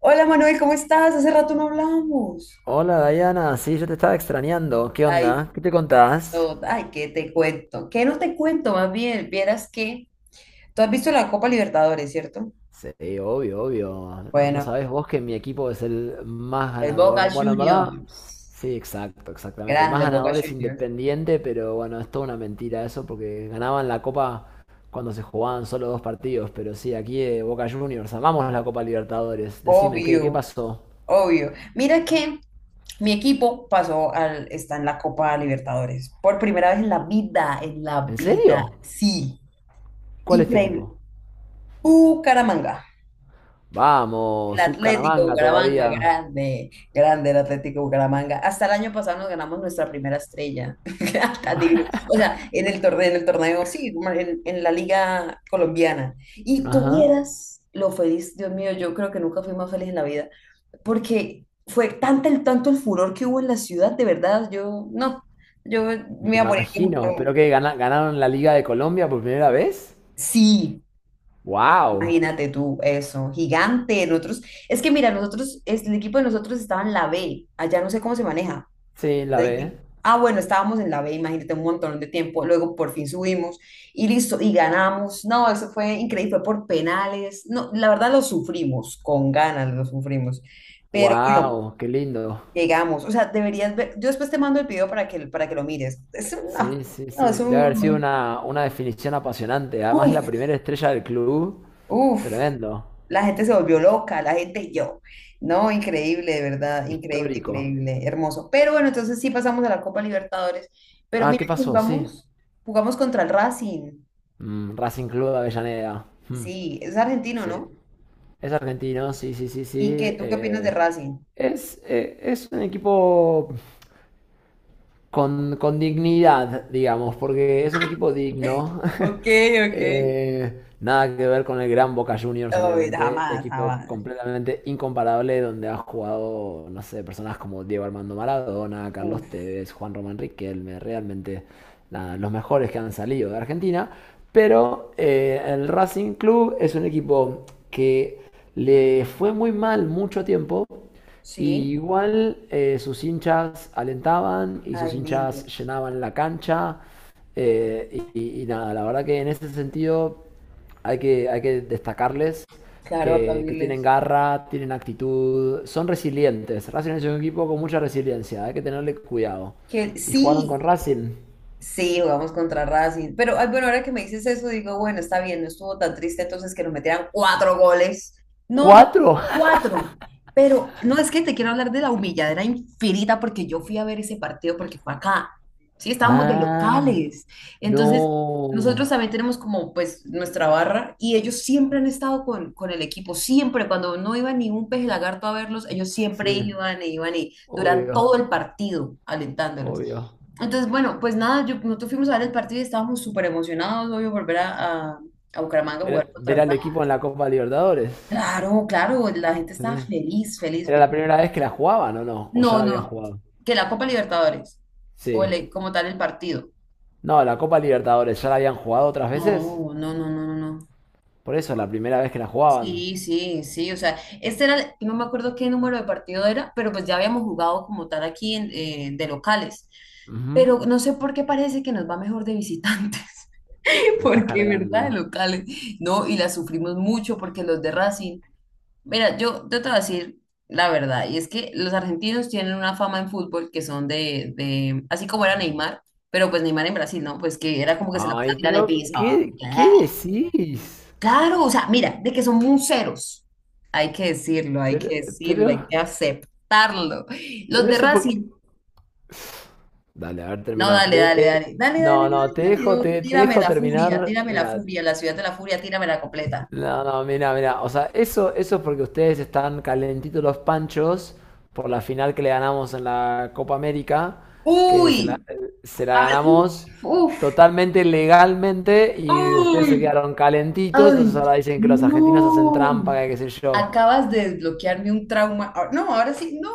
Hola Manuel, ¿cómo estás? Hace rato no hablábamos. Hola Diana, sí, yo te estaba extrañando. ¿Qué Ay, onda? ¿Qué te contás? no, ay, ¿qué te cuento? ¿Qué no te cuento? Más bien, vieras que tú has visto la Copa Libertadores, ¿cierto? Sí, obvio, obvio. ¿No Bueno, sabés vos que mi equipo es el más el Boca ganador? Bueno, en verdad, Juniors. sí, exacto, exactamente. El más Grande el Boca ganador es Juniors. Independiente, pero bueno, es toda una mentira eso porque ganaban la Copa cuando se jugaban solo dos partidos. Pero sí, aquí Boca Juniors, amamos la Copa Libertadores. Decime, ¿qué Obvio, pasó? obvio. Mira que mi equipo está en la Copa Libertadores. Por primera vez en la vida, en la ¿En vida. serio? Sí, ¿Cuál es tu increíble. equipo? Bucaramanga. El Vamos, Atlético Bucaramanga Bucaramanga, todavía. grande, grande el Atlético Bucaramanga. Hasta el año pasado nos ganamos nuestra primera estrella. Tan divino. O sea, en el torneo, sí, como en la liga colombiana. Y Ajá. tuvieras lo feliz, Dios mío, yo creo que nunca fui más feliz en la vida, porque fue tanto el furor que hubo en la ciudad, de verdad, yo, no, yo me Me iba a morir. Imagino, pero que ganaron la Liga de Colombia por primera vez. Sí, ¡Wow! imagínate tú, eso, gigante. Nosotros, es que mira, nosotros, el equipo de nosotros estaba en la B, allá no sé cómo se maneja. Sí, la ve. Ah, bueno, estábamos en la B, imagínate un montón de tiempo, luego por fin subimos y listo, y ganamos. No, eso fue increíble, fue por penales. No, la verdad lo sufrimos, con ganas lo sufrimos. Pero bueno, ¡Wow! ¡Qué lindo! llegamos. O sea, deberías ver, yo después te mando el video para que, lo mires. Es Sí, una, sí, sí. no, es Debe haber sido un, una definición apasionante. Además, la uff, primera estrella del club. uff. Tremendo. La gente se volvió loca, la gente yo. No, increíble, de verdad, increíble, Histórico. increíble, hermoso. Pero bueno, entonces sí pasamos a la Copa Libertadores. Pero Ah, mira ¿qué que pasó? Sí. jugamos, jugamos contra el Racing. Racing Club de Avellaneda. Mm, Sí, es argentino, sí. ¿no? Es argentino, sí, sí, sí, sí. ¿Y qué? ¿Tú qué opinas de Racing? Es un equipo con dignidad, digamos, porque es un equipo digno. Ok, ok. Nada que ver con el gran Boca Juniors, Oh, obviamente. jamás, Equipo jamás. completamente incomparable donde ha jugado, no sé, personas como Diego Armando Maradona, Carlos Uf, Tevez, Juan Román Riquelme, realmente nada, los mejores que han salido de Argentina. Pero el Racing Club es un equipo que le fue muy mal mucho tiempo y sí. igual sus hinchas alentaban y sus Ay, lindo. hinchas llenaban la cancha. Nada, la verdad que en ese sentido hay que destacarles Claro, que tienen aplaudirles. garra, tienen actitud, son resilientes. Racing es un equipo con mucha resiliencia, hay que tenerle cuidado. Que Y jugaron con sí, Racing. sí, jugamos contra Racing. Pero ay, bueno, ahora que me dices eso, digo, bueno, está bien, no estuvo tan triste entonces que nos metieran cuatro goles. No, ¿Cuatro? cuatro. Pero no es que te quiero hablar de la humilladera infinita porque yo fui a ver ese partido porque fue acá. Sí, estábamos de Ah, locales. Entonces, nosotros no. también tenemos como pues nuestra barra y ellos siempre han estado con el equipo, siempre. Cuando no iba ni un peje lagarto a verlos, ellos Sí, siempre iban e iban y duran todo obvio, el partido alentándolos. obvio. Entonces, bueno, pues nada, yo, nosotros fuimos a ver el partido y estábamos súper emocionados, obvio, volver a, Bucaramanga a jugar Ver, contra ver el al equipo en la Copa Libertadores. claro, claro, la gente estaba Eh, feliz, feliz, ¿Era la feliz. primera vez que la jugaban o no? ¿O ya No, la habían no, jugado? que la Copa Libertadores, o Sí. Como tal el partido. No, la Copa Libertadores, ¿ya la habían jugado otras veces? No, no, no, no, no, no. Por eso, la primera vez que la jugaban. Sí, sí, sí, o sea, este era, no me acuerdo qué número de partido era, pero pues ya habíamos jugado como tal aquí de locales. Ujú. Pero no sé por qué parece que nos va mejor de visitantes. Me estás Porque, cargando. ¿verdad? De locales. No, y la sufrimos mucho porque los de Racing. Mira, yo te voy a decir la verdad, y es que los argentinos tienen una fama en fútbol que son así como era Neymar, pero pues Neymar en Brasil, ¿no? Pues que era como que se la pasaba Ay, tirando el pero piso. ¿qué decís? Claro, o sea, mira, de que son museros. Hay que decirlo, hay Pero, que pero, decirlo, hay que aceptarlo. Los pero de eso porque... Racing, Dale, a ver, no, terminate. dale, dale, dale, dale dale dale No, no, te dejo, te tírame dejo tírame terminar. tírame la la la la la furia furia Mira, furia ciudad de la furia, tírame la completa. no, no, mira, o sea, eso es porque ustedes están calentitos los panchos por la final que le ganamos en la Copa América, que se la, Uy, se la a ver, ganamos uf, totalmente legalmente y ustedes se ¡ay! quedaron calentitos, entonces Ay, ahora dicen que los argentinos hacen no. trampa, que qué sé yo. Acabas de desbloquearme un trauma. Ah, no, ahora sí, no,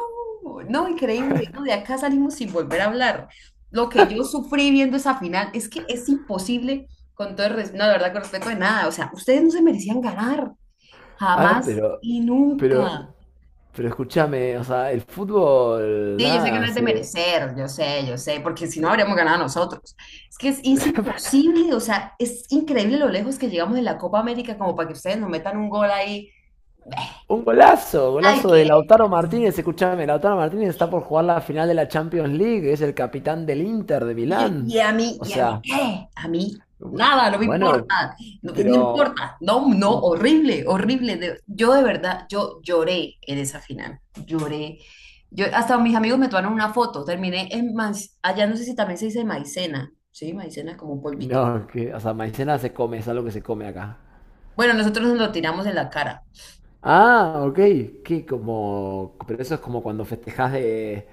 no, increíble. No, de acá salimos sin volver a hablar. Lo que yo sufrí viendo esa final es que es imposible, con todo el respeto, no, de verdad, con respeto de nada. O sea, ustedes no se merecían ganar, A ver, jamás y pero, nunca. pero escúchame, o sea, el fútbol, Sí, yo sé que no nada, es de se, merecer, yo sé, porque si no habríamos ganado nosotros. Es que es, imposible, o sea, es increíble lo lejos que llegamos en la Copa América como para que ustedes nos metan un gol ahí. un golazo, Ay, golazo de ¿qué? Lautaro Martínez. Escúchame, Lautaro Martínez está por jugar la final de la Champions League, es el capitán del Inter de Y, Milán. y a mí, O ¿y a mí sea, qué? A mí, nada, no me bueno, pero importa. No, no, un- horrible, horrible. Yo de verdad, yo lloré en esa final, lloré. Yo, hasta mis amigos me tomaron una foto, terminé en, allá no sé si también se dice maicena, ¿sí? Maicena es como un polvito. no, que, o sea, maicena se come, es algo que se come acá. Bueno, nosotros nos lo tiramos en la cara. Ah, ok, que como, pero eso es como cuando festejás de,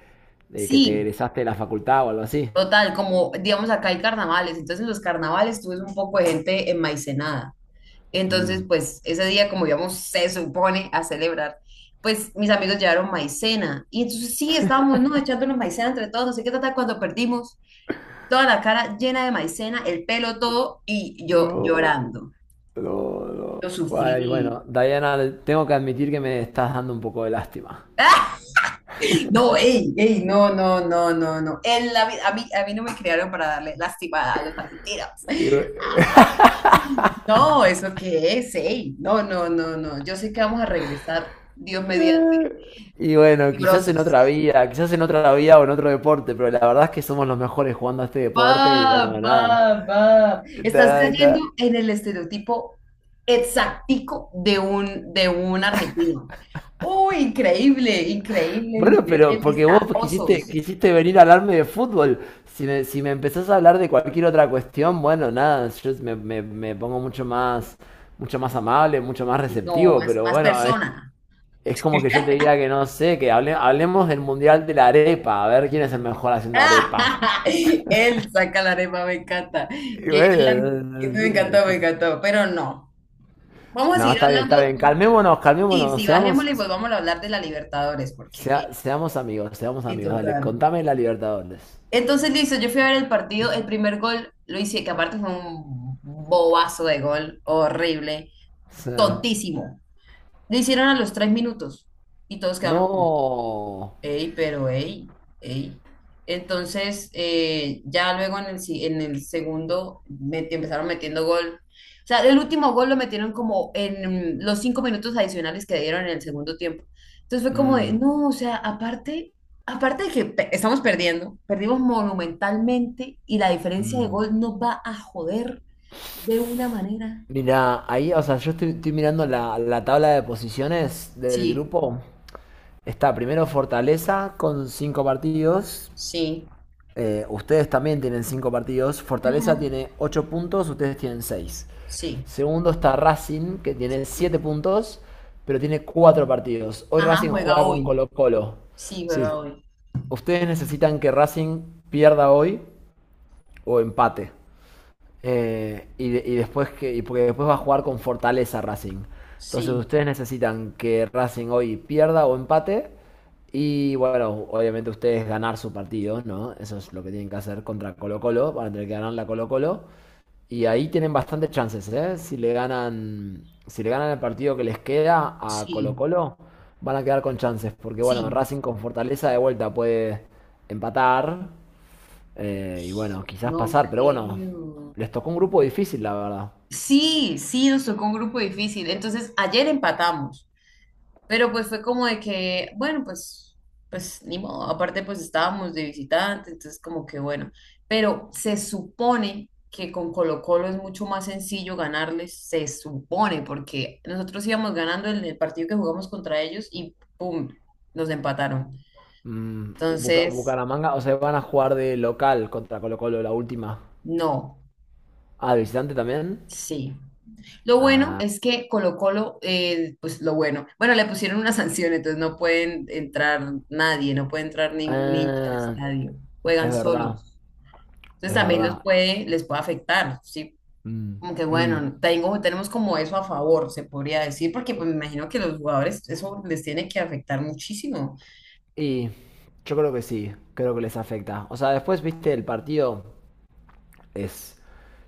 de que te Sí, egresaste de la facultad o algo así. total, como digamos acá hay carnavales, entonces en los carnavales tú ves un poco de gente enmaicenada. Entonces, Mm. pues ese día, como digamos, se supone a celebrar, pues mis amigos llevaron maicena. Y entonces sí, estábamos, ¿no? Echándonos maicena entre todos, no sé qué tal, cuando perdimos toda la cara llena de maicena, el pelo todo, y yo No, llorando. no, Lo no. Ay, sufrí. bueno, Diana, tengo que admitir que me estás dando un poco de lástima. ¡Ah! No, ey, ey, no, no, no, no, no. Vida a mí no me criaron para darle lastimada a los argentinos. Y, bu- No, ¿eso qué es? Ey, no, no, no, no. Yo sé que vamos a regresar, Dios mediante, y bueno, quizás en otra grosos. vida, quizás en otra vida o en otro deporte, pero la verdad es que somos los mejores jugando a este deporte y Va, bueno, nada. va, va. Estás cayendo Ta. en el estereotipo exactico de un argentino. ¡Uy, increíble, increíble el Bueno, nivel de pero porque vos pues, quisiste, vistajosos! quisiste venir a hablarme de fútbol. Si me empezás a hablar de cualquier otra cuestión, bueno, nada, me pongo mucho más amable, mucho más Y como receptivo, más, pero más bueno, persona. es como que yo te diga que no sé, que hablemos del Mundial de la Arepa, a ver quién es el mejor haciendo arepas. Él saca la arepa, me encanta. Y Qué bueno, gran- me encantó, pero no. Vamos a No, seguir está bien, está hablando. bien. Calmémonos, Sí, calmémonos. sí, Seamos, bajémosle y volvamos a hablar de la Libertadores, seamos amigos, seamos sí, amigos. Dale, total. contame la Libertadores. Entonces, listo, yo fui a ver el partido, el primer gol lo hice, que aparte fue un bobazo de gol, horrible, O tontísimo. Lo hicieron a los 3 minutos y todos quedamos... no. Ey, pero ey, ey. Entonces, ya luego en el, si- en el segundo empezaron metiendo gol. O sea, el último gol lo metieron como en los 5 minutos adicionales que dieron en el segundo tiempo. Entonces fue como de, Mm, no, o sea, aparte, de que estamos perdiendo, perdimos monumentalmente y la diferencia de mm. gol nos va a joder de una manera. Mira, ahí, o sea, yo estoy mirando la tabla de posiciones del Sí. grupo. Está primero Fortaleza con 5 partidos. Sí, Ustedes también tienen 5 partidos. Fortaleza ujú. tiene 8 puntos, ustedes tienen 6. Sí. Segundo está Racing, que tiene 7 puntos, pero tiene 4 partidos. Hoy Ajá, Racing juega juega con hoy. Colo Colo. Sí, juega Sí. hoy. Ustedes necesitan que Racing pierda hoy o empate. Y, de- y después que, y porque Después va a jugar con Fortaleza Racing. Entonces Sí. ustedes necesitan que Racing hoy pierda o empate. Y bueno, obviamente ustedes ganar su partido, ¿no? Eso es lo que tienen que hacer contra Colo Colo. Van a tener que ganar la Colo Colo. Y ahí tienen bastantes chances, ¿eh? Si le ganan el partido que les queda a Sí, Colo-Colo, van a quedar con chances. Porque bueno, sí, Racing con Fortaleza de vuelta puede empatar y bueno, quizás no pasar. Pero bueno, creo. les tocó un grupo difícil, la verdad. Sí, sí, nos tocó un grupo difícil. Entonces, ayer empatamos, pero pues fue como de que, bueno, pues ni modo. Aparte, pues estábamos de visitante, entonces como que bueno. Pero se supone que con Colo-Colo es mucho más sencillo ganarles, se supone, porque nosotros íbamos ganando en el partido que jugamos contra ellos y ¡pum! Nos empataron. Entonces, Bucaramanga, o sea, van a jugar de local contra Colo-Colo la última. no, Ah, de visitante también. sí. Lo bueno Ah, es que Colo Colo, pues lo bueno, bueno, le pusieron una sanción, entonces no pueden entrar nadie, no puede entrar ningún hincha al estadio, juegan es verdad, solos. Entonces es también los verdad. puede, les puede afectar, ¿sí? Mm, Como que mm. bueno, tengo, tenemos como eso a favor, se podría decir, porque pues me imagino que los jugadores eso les tiene que afectar muchísimo. Y yo creo que sí, creo que les afecta. O sea, después, viste, el partido es,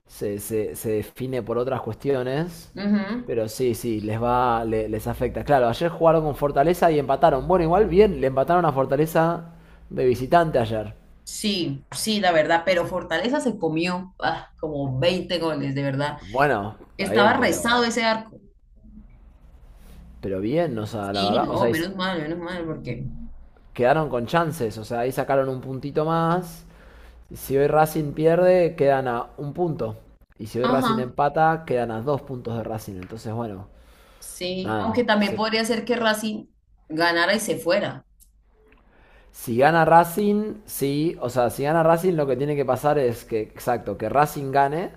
se define por otras cuestiones, Ujú. pero sí, sí, les va, les afecta. Claro, ayer jugaron con Fortaleza y empataron. Bueno, igual bien, le empataron a Fortaleza de visitante ayer. Sí, sí, la verdad, pero Fortaleza se comió como 20 goles, de verdad. Bueno, está Estaba bien, rezado pero, ese arco. pero bien, o sea, la Sí, verdad, o no, sea, menos mal, porque quedaron con chances, o sea, ahí sacaron un puntito más. Si hoy Racing pierde, quedan a un punto. Y si hoy Racing ajá, empata, quedan a dos puntos de Racing. Entonces, bueno, sí. nada. Aunque también podría ser que Racing ganara y se fuera. Si gana Racing, sí. O sea, si gana Racing, lo que tiene que pasar es que, exacto, que Racing gane.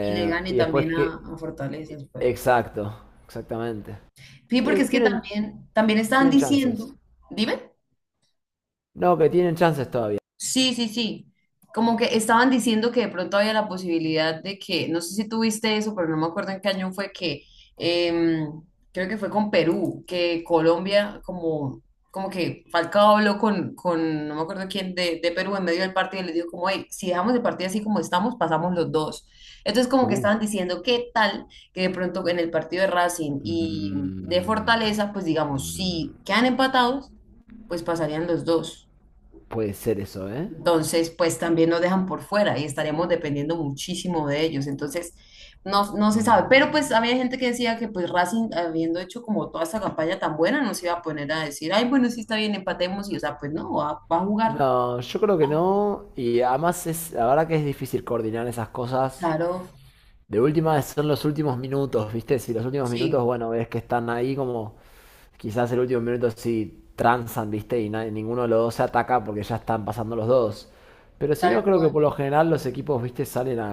Y le gane Y después también a, que... a Fortaleza después. Exacto, exactamente. Sí, Sí, porque es que tienen, también, también estaban tienen diciendo, chances. dime. No, que tienen chances todavía. Sí, sí, sí. Como que estaban diciendo que de pronto había la posibilidad de que, no sé si tuviste eso, pero no me acuerdo en qué año fue que, em, creo que fue con Perú, que Colombia como que Falcao habló con, no me acuerdo quién, de Perú en medio del partido y les dijo como, hey, si dejamos el partido así como estamos, pasamos los dos. Entonces como que Uh. estaban diciendo, ¿qué tal que de pronto en el partido de Racing y de Mm, Fortaleza, pues digamos, mm, si quedan empatados, pues pasarían los dos? Puede ser eso, ¿eh? Entonces, pues también nos dejan por fuera y estaremos dependiendo muchísimo de ellos. Entonces, no, no se sabe. Pero Mm. pues había gente que decía que pues Racing, habiendo hecho como toda esa campaña tan buena, no se iba a poner a decir, ay, bueno, sí está bien, empatemos. Y o sea, pues no, va, a jugar. No, yo creo que no. Y además la verdad que es difícil coordinar esas cosas. Claro, De última son los últimos minutos, ¿viste? Si los últimos minutos, sí, bueno, ves que están ahí como quizás el último minuto sí transan, ¿viste? Y ninguno de los dos se ataca porque ya están pasando los dos. Pero si no, tal creo que cual. por lo general los equipos, ¿viste? Salen a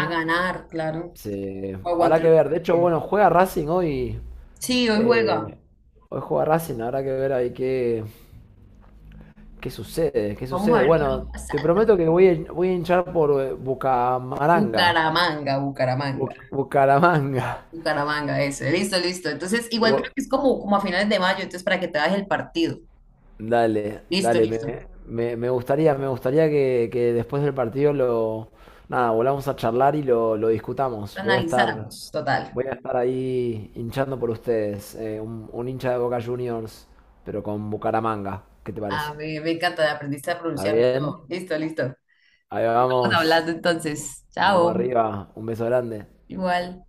A ganar, claro. O Habrá aguantar que el ver. De hecho, partido. bueno, juega Racing hoy. Sí, hoy juega. eh, Hoy juega Racing, habrá que ver ahí qué, ¿qué sucede? ¿Qué Vamos a sucede? ver qué Bueno, va te pasando. prometo que voy a, hinchar por Bucamaranga. Bucaramanga, Bucaramanga. Bucaramanga. Bucaramanga, eso. Listo, listo. Entonces, igual creo Bu- que es como, a finales de mayo, entonces para que te hagas el partido. Dale, Listo, dale, listo. Me gustaría que después del partido lo, nada, volvamos a charlar y lo discutamos. Voy a estar, Analizáramos, total. voy a estar ahí hinchando por ustedes, un hincha de Boca Juniors, pero con Bucaramanga. ¿Qué te parece? A ver, me encanta aprendiste a ¿Está pronunciarlo y todo. bien? Listo, listo. Estamos Ahí vamos, hablando entonces. vamos Chao. arriba, un beso grande. Igual.